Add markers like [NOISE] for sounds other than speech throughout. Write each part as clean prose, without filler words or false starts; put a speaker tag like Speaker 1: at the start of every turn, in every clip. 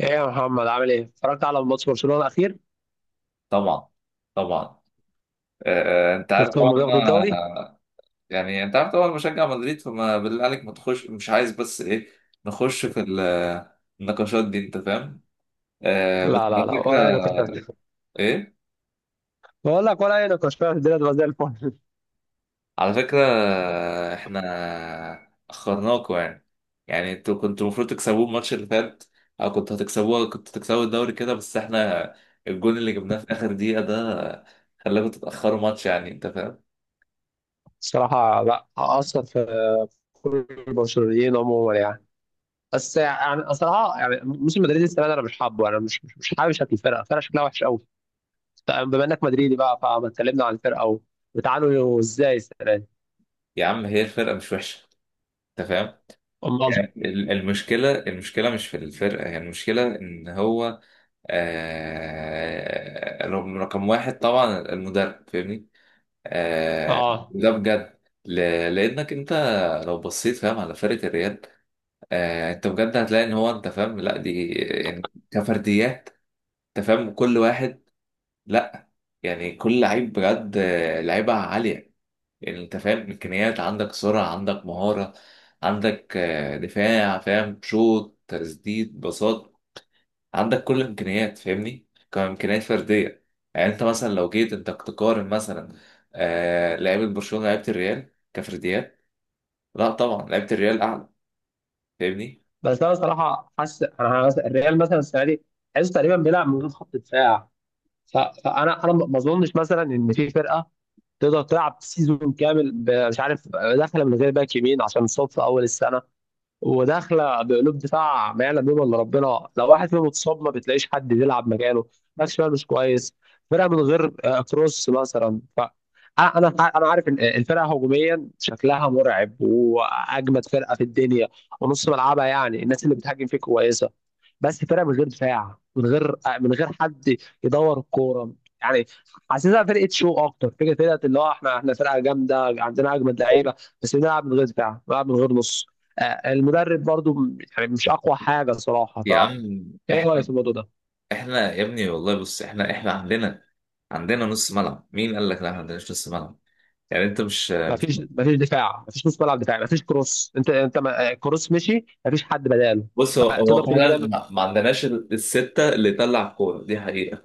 Speaker 1: ايه يا محمد، عامل ايه؟ اتفرجت على ماتش برشلونة الأخير؟
Speaker 2: طبعا. طبعا. انت عارف طبعا
Speaker 1: شفتهم بياخدوا الدوري؟
Speaker 2: انا. يعني انت عارف طبعا مشجع مدريد، فما بالله عليك ما تخش، مش عايز بس ايه نخش في النقاشات دي انت فاهم. بس
Speaker 1: لا
Speaker 2: على
Speaker 1: لا لا،
Speaker 2: فكره.
Speaker 1: ولا أي نقاش فيه.
Speaker 2: ايه
Speaker 1: بقول لك ولا أي نقاش فيها، الدنيا تبقى زي الفل.
Speaker 2: على فكره، احنا اخرناكوا يعني. يعني انتوا كنتوا المفروض تكسبوه الماتش اللي فات، او كنتوا هتكسبوه، كنتوا تكسبوا الدوري كده، بس احنا الجون اللي جبناه في اخر دقيقه ده خلاكوا تتاخروا ماتش، يعني انت فاهم.
Speaker 1: الصراحة لا أثر في كل البرشلونيين عموما، يعني. بس يعني الصراحة، يعني موسم مدريد السنة دي أنا مش حابب شكل الفرقة شكلها وحش قوي. بما إنك مدريدي بقى، فما اتكلمنا عن الفرقة، وبتعانوا إزاي السنة دي؟
Speaker 2: يا عم هي الفرقه مش وحشه، انت فاهم.
Speaker 1: أمال،
Speaker 2: المشكلة، المشكلة مش في الفرقة، هي المشكلة إن هو آه رقم واحد طبعا المدرب، فاهمني. آه
Speaker 1: اه.
Speaker 2: ده بجد. لأنك أنت لو بصيت فاهم على فرقة الريال، آه أنت بجد هتلاقي إن هو أنت فاهم لا دي يعني كفرديات. أنت فاهم كل واحد. لا يعني كل لعيب بجد لعيبة عالية. يعني انت فاهم امكانيات، عندك سرعه، عندك مهاره، عندك دفاع فاهم، شوط تسديد بساط، عندك كل الامكانيات فاهمني، كامكانيات فرديه. يعني انت مثلا لو جيت انت تقارن مثلا آه لعيبه برشلونه لعيبه الريال كفرديات، لا طبعا لعيبه الريال اعلى، فاهمني.
Speaker 1: بس أنا صراحة حاسس، أنا حاسس الريال مثلا السنة دي حاسس تقريبا بيلعب من غير خط دفاع. ف- فانا ما اظنش مثلا ان في فرقه تقدر تلعب سيزون كامل، مش عارف، داخله من غير باك يمين عشان صف اول السنه، وداخله بقلوب دفاع ما يعلم بهم الا ربنا. لو واحد فيهم اتصاب ما بتلاقيش حد بيلعب مكانه، ماكسويل مش كويس. فرقه من غير كروس مثلا. أنا عارف ان الفرقه هجوميا شكلها مرعب، واجمد فرقه في الدنيا، ونص ملعبها يعني الناس اللي بتهاجم فيه كويسه. بس فرقه من غير دفاع، من غير من غير حد يدور الكوره، يعني. حاسسها فرقه شو اكتر فكره، فرقه اللي هو احنا، فرقه جامده عندنا اجمد لعيبه، بس بنلعب من غير دفاع، بنلعب من غير نص. المدرب برضو يعني مش اقوى حاجه صراحه.
Speaker 2: يا عم،
Speaker 1: ايه رايك في
Speaker 2: احنا،
Speaker 1: الموضوع ده؟
Speaker 2: احنا يا ابني والله بص، احنا احنا عندنا، عندنا نص ملعب. مين قال لك لا ما عندناش نص ملعب؟ يعني انت مش،
Speaker 1: مفيش، دفاع، مفيش نص ملعب دفاعي، مفيش كروس. انت كروس مشي مفيش حد بداله.
Speaker 2: بص هو
Speaker 1: تقدر
Speaker 2: هو
Speaker 1: تقول
Speaker 2: فعلا
Speaker 1: كده،
Speaker 2: ما عندناش الستة اللي تلعب كورة دي حقيقة.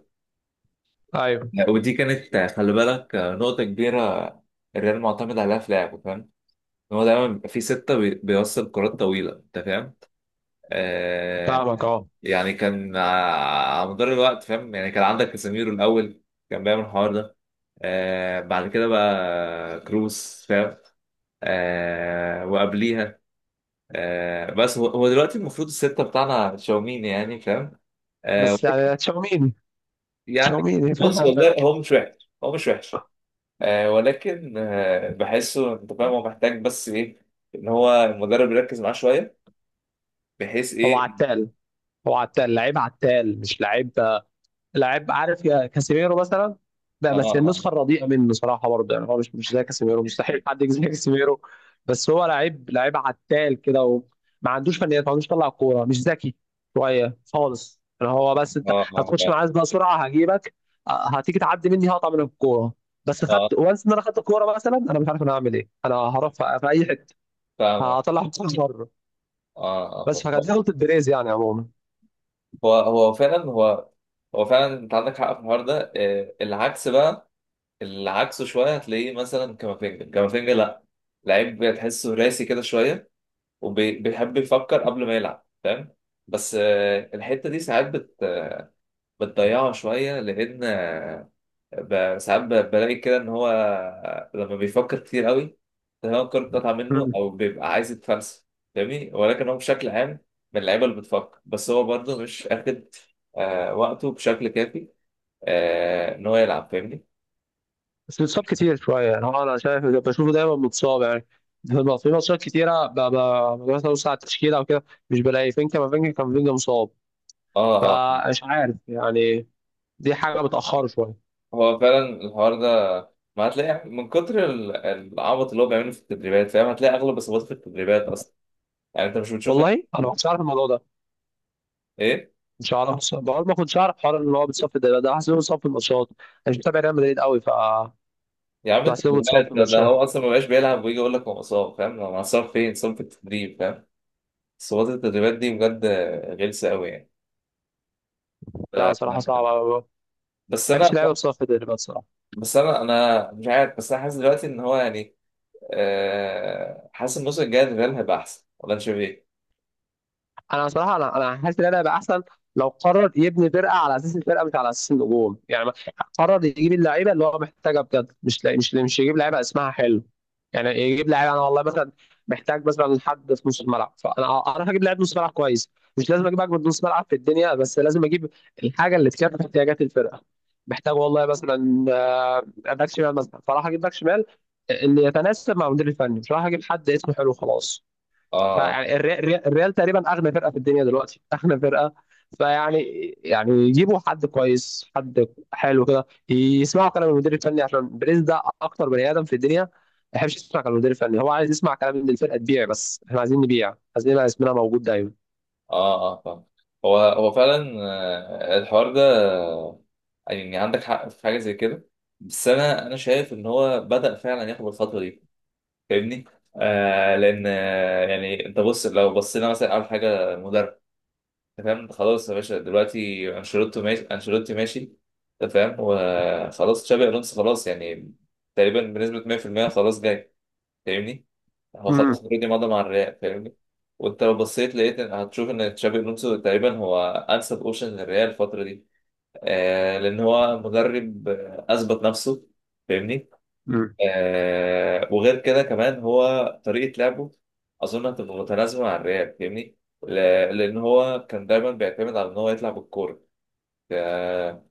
Speaker 1: ايوه،
Speaker 2: يعني ودي كانت آه، خلي بالك، نقطة كبيرة الريال معتمد عليها في لعبه، فاهم. إن هو دايما بيبقى في ستة، بيوصل كرات طويلة، أنت فاهم. آه.
Speaker 1: فاهمك، اه.
Speaker 2: يعني كان على مدار الوقت فاهم، يعني كان عندك كاسيميرو الأول كان بيعمل الحوار ده. آه بعد كده بقى كروس فاهم. آه وقبليها. آه بس هو دلوقتي المفروض الستة بتاعنا تشاوميني يعني فاهم. آه،
Speaker 1: بس يعني تشاوميني،
Speaker 2: يعني.
Speaker 1: تشاوميني
Speaker 2: بص
Speaker 1: فاهم.
Speaker 2: والله هو مش وحش، هو مش وحش، آه ولكن آه بحسه انت فاهم، هو محتاج بس ايه، ان هو المدرب يركز معاه شويه، بحيث
Speaker 1: هو
Speaker 2: ايه.
Speaker 1: عتال، هو عتال، لعيب عتال مش لعيب، لعيب. عارف يا كاسيميرو مثلا، لا،
Speaker 2: اه،
Speaker 1: بس
Speaker 2: اه،
Speaker 1: النسخه الرديئه منه صراحه، برضه يعني هو مش زي كاسيميرو، مستحيل حد يجي زي كاسيميرو. بس هو لعيب، لعيب عتال كده، وما عندوش فنيات، ما عندوش طلع كوره، مش ذكي شويه خالص، يعني هو. بس انت
Speaker 2: اه، اه
Speaker 1: هتخش
Speaker 2: فعلا.
Speaker 1: معايا بقى سرعه هجيبك، هتيجي تعدي مني هقطع منك الكوره. بس خدت
Speaker 2: اه،
Speaker 1: وانس ان انا خدت الكوره مثلا، انا مش عارف انا هعمل ايه، انا هروح في اي حته،
Speaker 2: فاهم اه.
Speaker 1: هطلع [LAUGHS] الكوره بره.
Speaker 2: اه. آه،
Speaker 1: بس فكانت
Speaker 2: آه.
Speaker 1: دي غلطه بيريز يعني عموما.
Speaker 2: هو فعلا، هو. هو فعلا انت عندك حق في الحوار ده آه. العكس بقى، العكس شويه هتلاقيه مثلا كامافينجا. كامافينجا لا، لعيب تحسه راسي كده شويه، وبيحب يفكر قبل ما يلعب فاهم. بس آه الحته دي ساعات بتضيعه شوية، لأن ساعات بلاقي كده إن هو لما بيفكر كتير قوي تمام الكورة بتقطع منه، أو بيبقى عايز يتفلسف، فاهمني. ولكن هو بشكل عام من اللعيبة اللي بتفكر، بس هو برضه مش آخد وقته بشكل كافي، آه إن هو يلعب، فاهمني.
Speaker 1: بس بيتصاب كتير شوية، يعني هو أنا شايف بشوفه دايما متصاب، يعني في ماتشات كتيرة ببقى مثلا ببص على التشكيلة وكده، مش بلاقي فينكا، ما فينكا كان فينكا مصاب.
Speaker 2: آه، آه.
Speaker 1: فمش عارف يعني، دي حاجة بتأخره شوية.
Speaker 2: هو فعلا الحوار ده، ما هتلاقي من كتر العبط اللي هو بيعمله في التدريبات فاهم، هتلاقي أغلب إصاباته في التدريبات أصلا. يعني أنت مش بتشوفه.
Speaker 1: والله أنا ما كنتش عارف الموضوع ده،
Speaker 2: إيه؟
Speaker 1: مش عارف، بقول ما كنتش عارف حوار إن هو بيتصاب في الدوري ده، حاسس إنه بيتصاب في الماتشات. أنا مش متابع ريال مدريد قوي.
Speaker 2: يا عم انت
Speaker 1: بحس إنه
Speaker 2: بالله،
Speaker 1: بيتصاب في
Speaker 2: ده
Speaker 1: الماتشات.
Speaker 2: هو اصلا ما بقاش بيلعب ويجي يقول لك هو مصاب، فاهم؟ هو مصاب فين؟ مصاب في التدريب، فاهم؟ صوت التدريبات دي بجد غلسه قوي يعني. ف-
Speaker 1: لا صراحة صعبة أوي. ما
Speaker 2: بس
Speaker 1: بحبش
Speaker 2: انا،
Speaker 1: اللعيبة بتصاب في الدوري بصراحة.
Speaker 2: بس انا انا مش عارف. بس انا حاسس دلوقتي ان هو يعني، آه، حاسس الموسم الجاي الريال هيبقى احسن، ولا انت شايف ايه؟
Speaker 1: انا بصراحه انا حاسس ان انا هيبقى احسن، لو قرر يبني فرقه على اساس الفرقه مش على اساس النجوم، يعني قرر يجيب اللعيبه اللي هو محتاجها بجد، مش لا- مش مش يجيب لعيبه اسمها حلو. يعني يجيب لعيبه، انا والله مثلا محتاج مثلا حد في نص الملعب، فانا هجيب لعيب نص ملعب كويس، مش لازم اجيب اجمد نص ملعب في الدنيا، بس لازم اجيب الحاجه اللي تكفي احتياجات الفرقه. محتاج والله مثلا باك شمال مثلا، فراح اجيب باك شمال اللي يتناسب مع المدير الفني، مش راح اجيب حد اسمه حلو خلاص.
Speaker 2: اه، اه،
Speaker 1: فيعني الريال تقريبا اغنى فرقه في الدنيا دلوقتي، [LAUGHS] اغنى فرقه. فيعني يعني يجيبوا حد كويس، حد حلو كده، يسمعوا كلام المدير الفني، عشان بريز ده اكتر بني ادم في الدنيا ما يحبش يسمع كلام المدير الفني، هو عايز يسمع كلام ان الفرقه تبيع، بس احنا عايزين نبيع، عايزين يبقى اسمنا موجود دايما.
Speaker 2: اه، فاهم. هو فعلا الحوار ده، يعني عندك حق في حاجه زي كده. بس انا شايف ان هو بدأ فعلا ياخد الخطوه دي، فاهمني. آه لان آه يعني انت بص لو بصينا مثلا اول حاجه مدرب، انت فاهم، أنت خلاص يا باشا دلوقتي انشيلوتي ماشي، انشيلوتي ماشي، انت فاهم وخلاص تشابي الونسو خلاص، يعني تقريبا بنسبه 100% خلاص جاي، فاهمني. هو خلاص
Speaker 1: امم
Speaker 2: اوريدي مضى مع الريال، فاهمني. وانت لو بصيت لقيت هتشوف ان تشابي الونسو تقريبا هو انسب اوبشن للريال الفتره دي. آه لان هو مدرب اثبت نفسه، فاهمني.
Speaker 1: امم
Speaker 2: آه، وغير كده كمان هو طريقة لعبه أظن هتبقى متناسبة مع الريال، فاهمني؟ ل- لأن هو كان دايما بيعتمد على إن هو يطلع بالكورة. آه.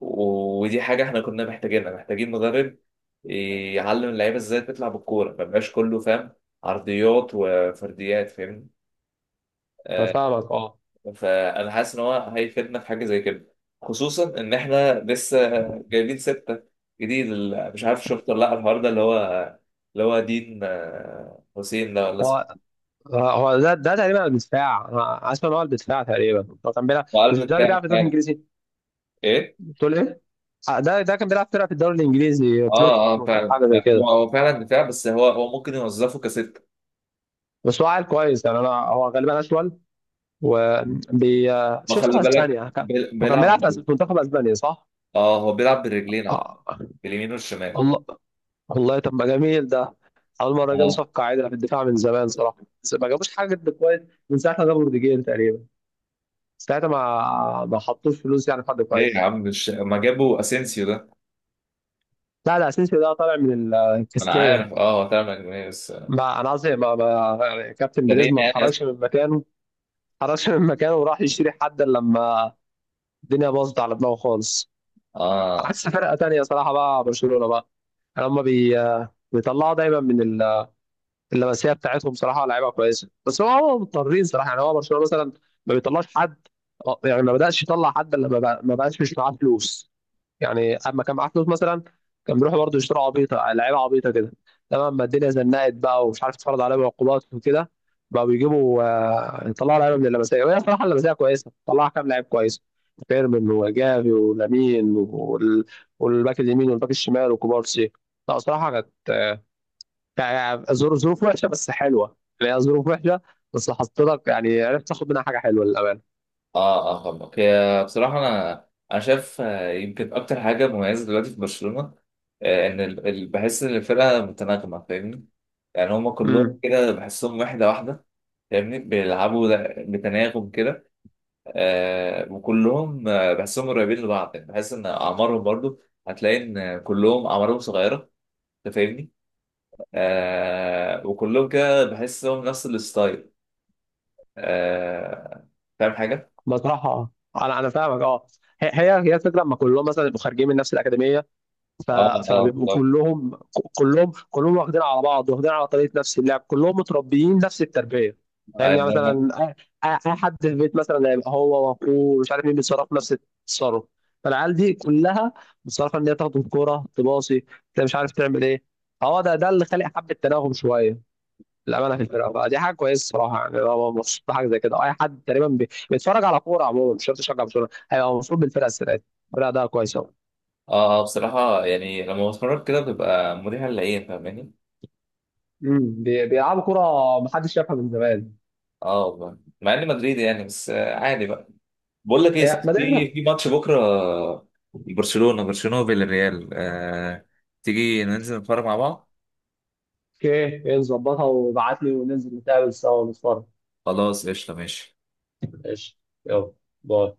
Speaker 2: ودي حاجة إحنا كنا محتاجينها، محتاجين مدرب يعلم اللعيبة إزاي تطلع بالكورة، ما يبقاش كله فاهم عرضيات وفرديات، فاهمني؟
Speaker 1: انا
Speaker 2: آه.
Speaker 1: فاهمك، اه.
Speaker 2: فانا حاسس ان هو هيفيدنا في حاجه زي كده، خصوصا ان احنا لسه جايبين سته جديد مش عارف شفت ولا لا الحوار ده اللي هو، اللي هو دين حسين ده ولا
Speaker 1: هو
Speaker 2: اسمه.
Speaker 1: هو ده تقريبا الدفاع. انا اسمع ان هو الدفاع تقريبا هو كان بيلعب،
Speaker 2: هو
Speaker 1: مش
Speaker 2: قلب
Speaker 1: ده اللي
Speaker 2: دفاع
Speaker 1: بيلعب في الدوري
Speaker 2: فعلا.
Speaker 1: الانجليزي؟
Speaker 2: ايه.
Speaker 1: بتقول ايه؟ ده كان بيلعب فرقه في الدوري الانجليزي، بروتوس
Speaker 2: اه اه
Speaker 1: مثلا،
Speaker 2: فعلا.
Speaker 1: حاجه زي
Speaker 2: لا، هو
Speaker 1: كده.
Speaker 2: هو فعلا دفاع، بس هو ممكن يوظفه كسته.
Speaker 1: بس هو عيل كويس يعني، انا هو غالبا اشول، وبي
Speaker 2: ما
Speaker 1: شوف صوت
Speaker 2: خلي بالك
Speaker 1: اسبانيا. هو كان بيلعب
Speaker 2: بيلعب.
Speaker 1: في في منتخب اسبانيا صح؟
Speaker 2: اه هو بيلعب بالرجلين، اه،
Speaker 1: آه.
Speaker 2: باليمين والشمال.
Speaker 1: والله، والله طب ما جميل ده. اول مره جابوا
Speaker 2: اه،
Speaker 1: صفقه عادله في الدفاع من زمان صراحه، بس ما جابوش حاجه جد كويس من ساعه ما جابوا روديجير تقريبا. ساعتها ما حطوش فلوس يعني في حد
Speaker 2: ليه يا
Speaker 1: كويس.
Speaker 2: عم مش ما جابوا اسينسيو ده.
Speaker 1: لا لا، اسينسيو ده طالع من
Speaker 2: ما انا
Speaker 1: الكاستيا.
Speaker 2: عارف اه هو فعلا يعني، بس
Speaker 1: ما انا قصدي ما يعني كابتن بيريز
Speaker 2: ترينا
Speaker 1: ما
Speaker 2: يعني.
Speaker 1: اتحركش من مكانه، ما اتحركش من مكانه وراح يشتري حد إلا لما الدنيا باظت على دماغه خالص.
Speaker 2: اه،
Speaker 1: عكس فرقه تانية صراحه بقى، برشلونه بقى هم بيطلعوا دايما من اللمسيه بتاعتهم. صراحه لعيبه كويسه، بس هو مضطرين صراحه، يعني هو برشلونه مثلا ما بيطلعش حد، يعني ما بداش يطلع حد الا لما ما بقاش مش معاه فلوس. يعني اما كان معاه فلوس مثلا كان بيروحوا برضه يشتروا عبيطه، لعيبه عبيطه كده، تمام. ما الدنيا زنقت بقى ومش عارف تتفرض عليهم عقوبات وكده، بقى بيجيبوا، يطلعوا لعيبه من اللمسيه، وهي صراحه اللمسيه كويسه، طلعها كام لعيب كويس: فيرمين وجافي ولامين والباك اليمين والباك الشمال وكوبارسي. لا صراحه كانت يعني ظروف، ظروف وحشه بس حلوه، يعني هي ظروف وحشه بس حطيتك يعني، عرفت تاخد منها حاجه حلوه للامانه.
Speaker 2: اه، اه، فاهمك. هي بصراحة أنا، أنا شايف يمكن أكتر حاجة مميزة دلوقتي في برشلونة إن بحس إن الفرقة متناغمة، فاهمني. يعني هما كلهم
Speaker 1: امم
Speaker 2: كده بحسهم وحدة واحدة، فاهمني. بيلعبوا بتناغم كده. آه، وكلهم بحسهم قريبين لبعض، يعني بحس إن أعمارهم برضو هتلاقي إن كلهم أعمارهم صغيرة، أنت فاهمني. آه، وكلهم كده بحسهم نفس الستايل. آه، فاهم حاجة؟
Speaker 1: بصراحة اه، انا فاهمك، اه. هي الفكره لما كلهم مثلا يبقوا خارجين من نفس الاكاديميه، ف...
Speaker 2: اه،
Speaker 1: فبيبقوا
Speaker 2: اه،
Speaker 1: كلهم، كلهم واخدين على بعض، واخدين على طريقه نفس اللعب، كلهم متربيين نفس التربيه. فاهمني؟ يعني
Speaker 2: بالظبط.
Speaker 1: مثلا، أي حد في البيت مثلا هيبقى هو واخوه مش عارف مين بيتصرف نفس التصرف. فالعيال دي كلها متصرفه ان هي تاخد الكوره تباصي، انت مش عارف تعمل ايه. هو ده اللي خلق حبه تناغم شويه، الامانه في الفرقه. فدي حاجه كويسه الصراحه، يعني انا مبسوط بحاجه زي كده. اي حد تقريبا بيتفرج على كوره عموما، مش شرط يشجع برشلونه، هيبقى مبسوط بالفرقه السنه دي، الفرقه ده كويسه أوي.
Speaker 2: اه، اه، بصراحة يعني لما بتفرج كده بتبقى مريحة للعين، فاهماني؟
Speaker 1: بيلعبوا كوره محدش شافها من زمان.
Speaker 2: اه والله مع اني مدريدي يعني، بس عادي بقى. بقول لك ايه يا
Speaker 1: إيه،
Speaker 2: ستي،
Speaker 1: ما دام.
Speaker 2: في ماتش بكرة برشلونة، برشلونة بالريال آه، تيجي ننزل نتفرج مع بعض؟
Speaker 1: اوكي إيه، نظبطها وابعت لي، وننزل نتقابل سوا ونتفرج.
Speaker 2: خلاص قشطة ماشي.
Speaker 1: ماشي، يلا، باي.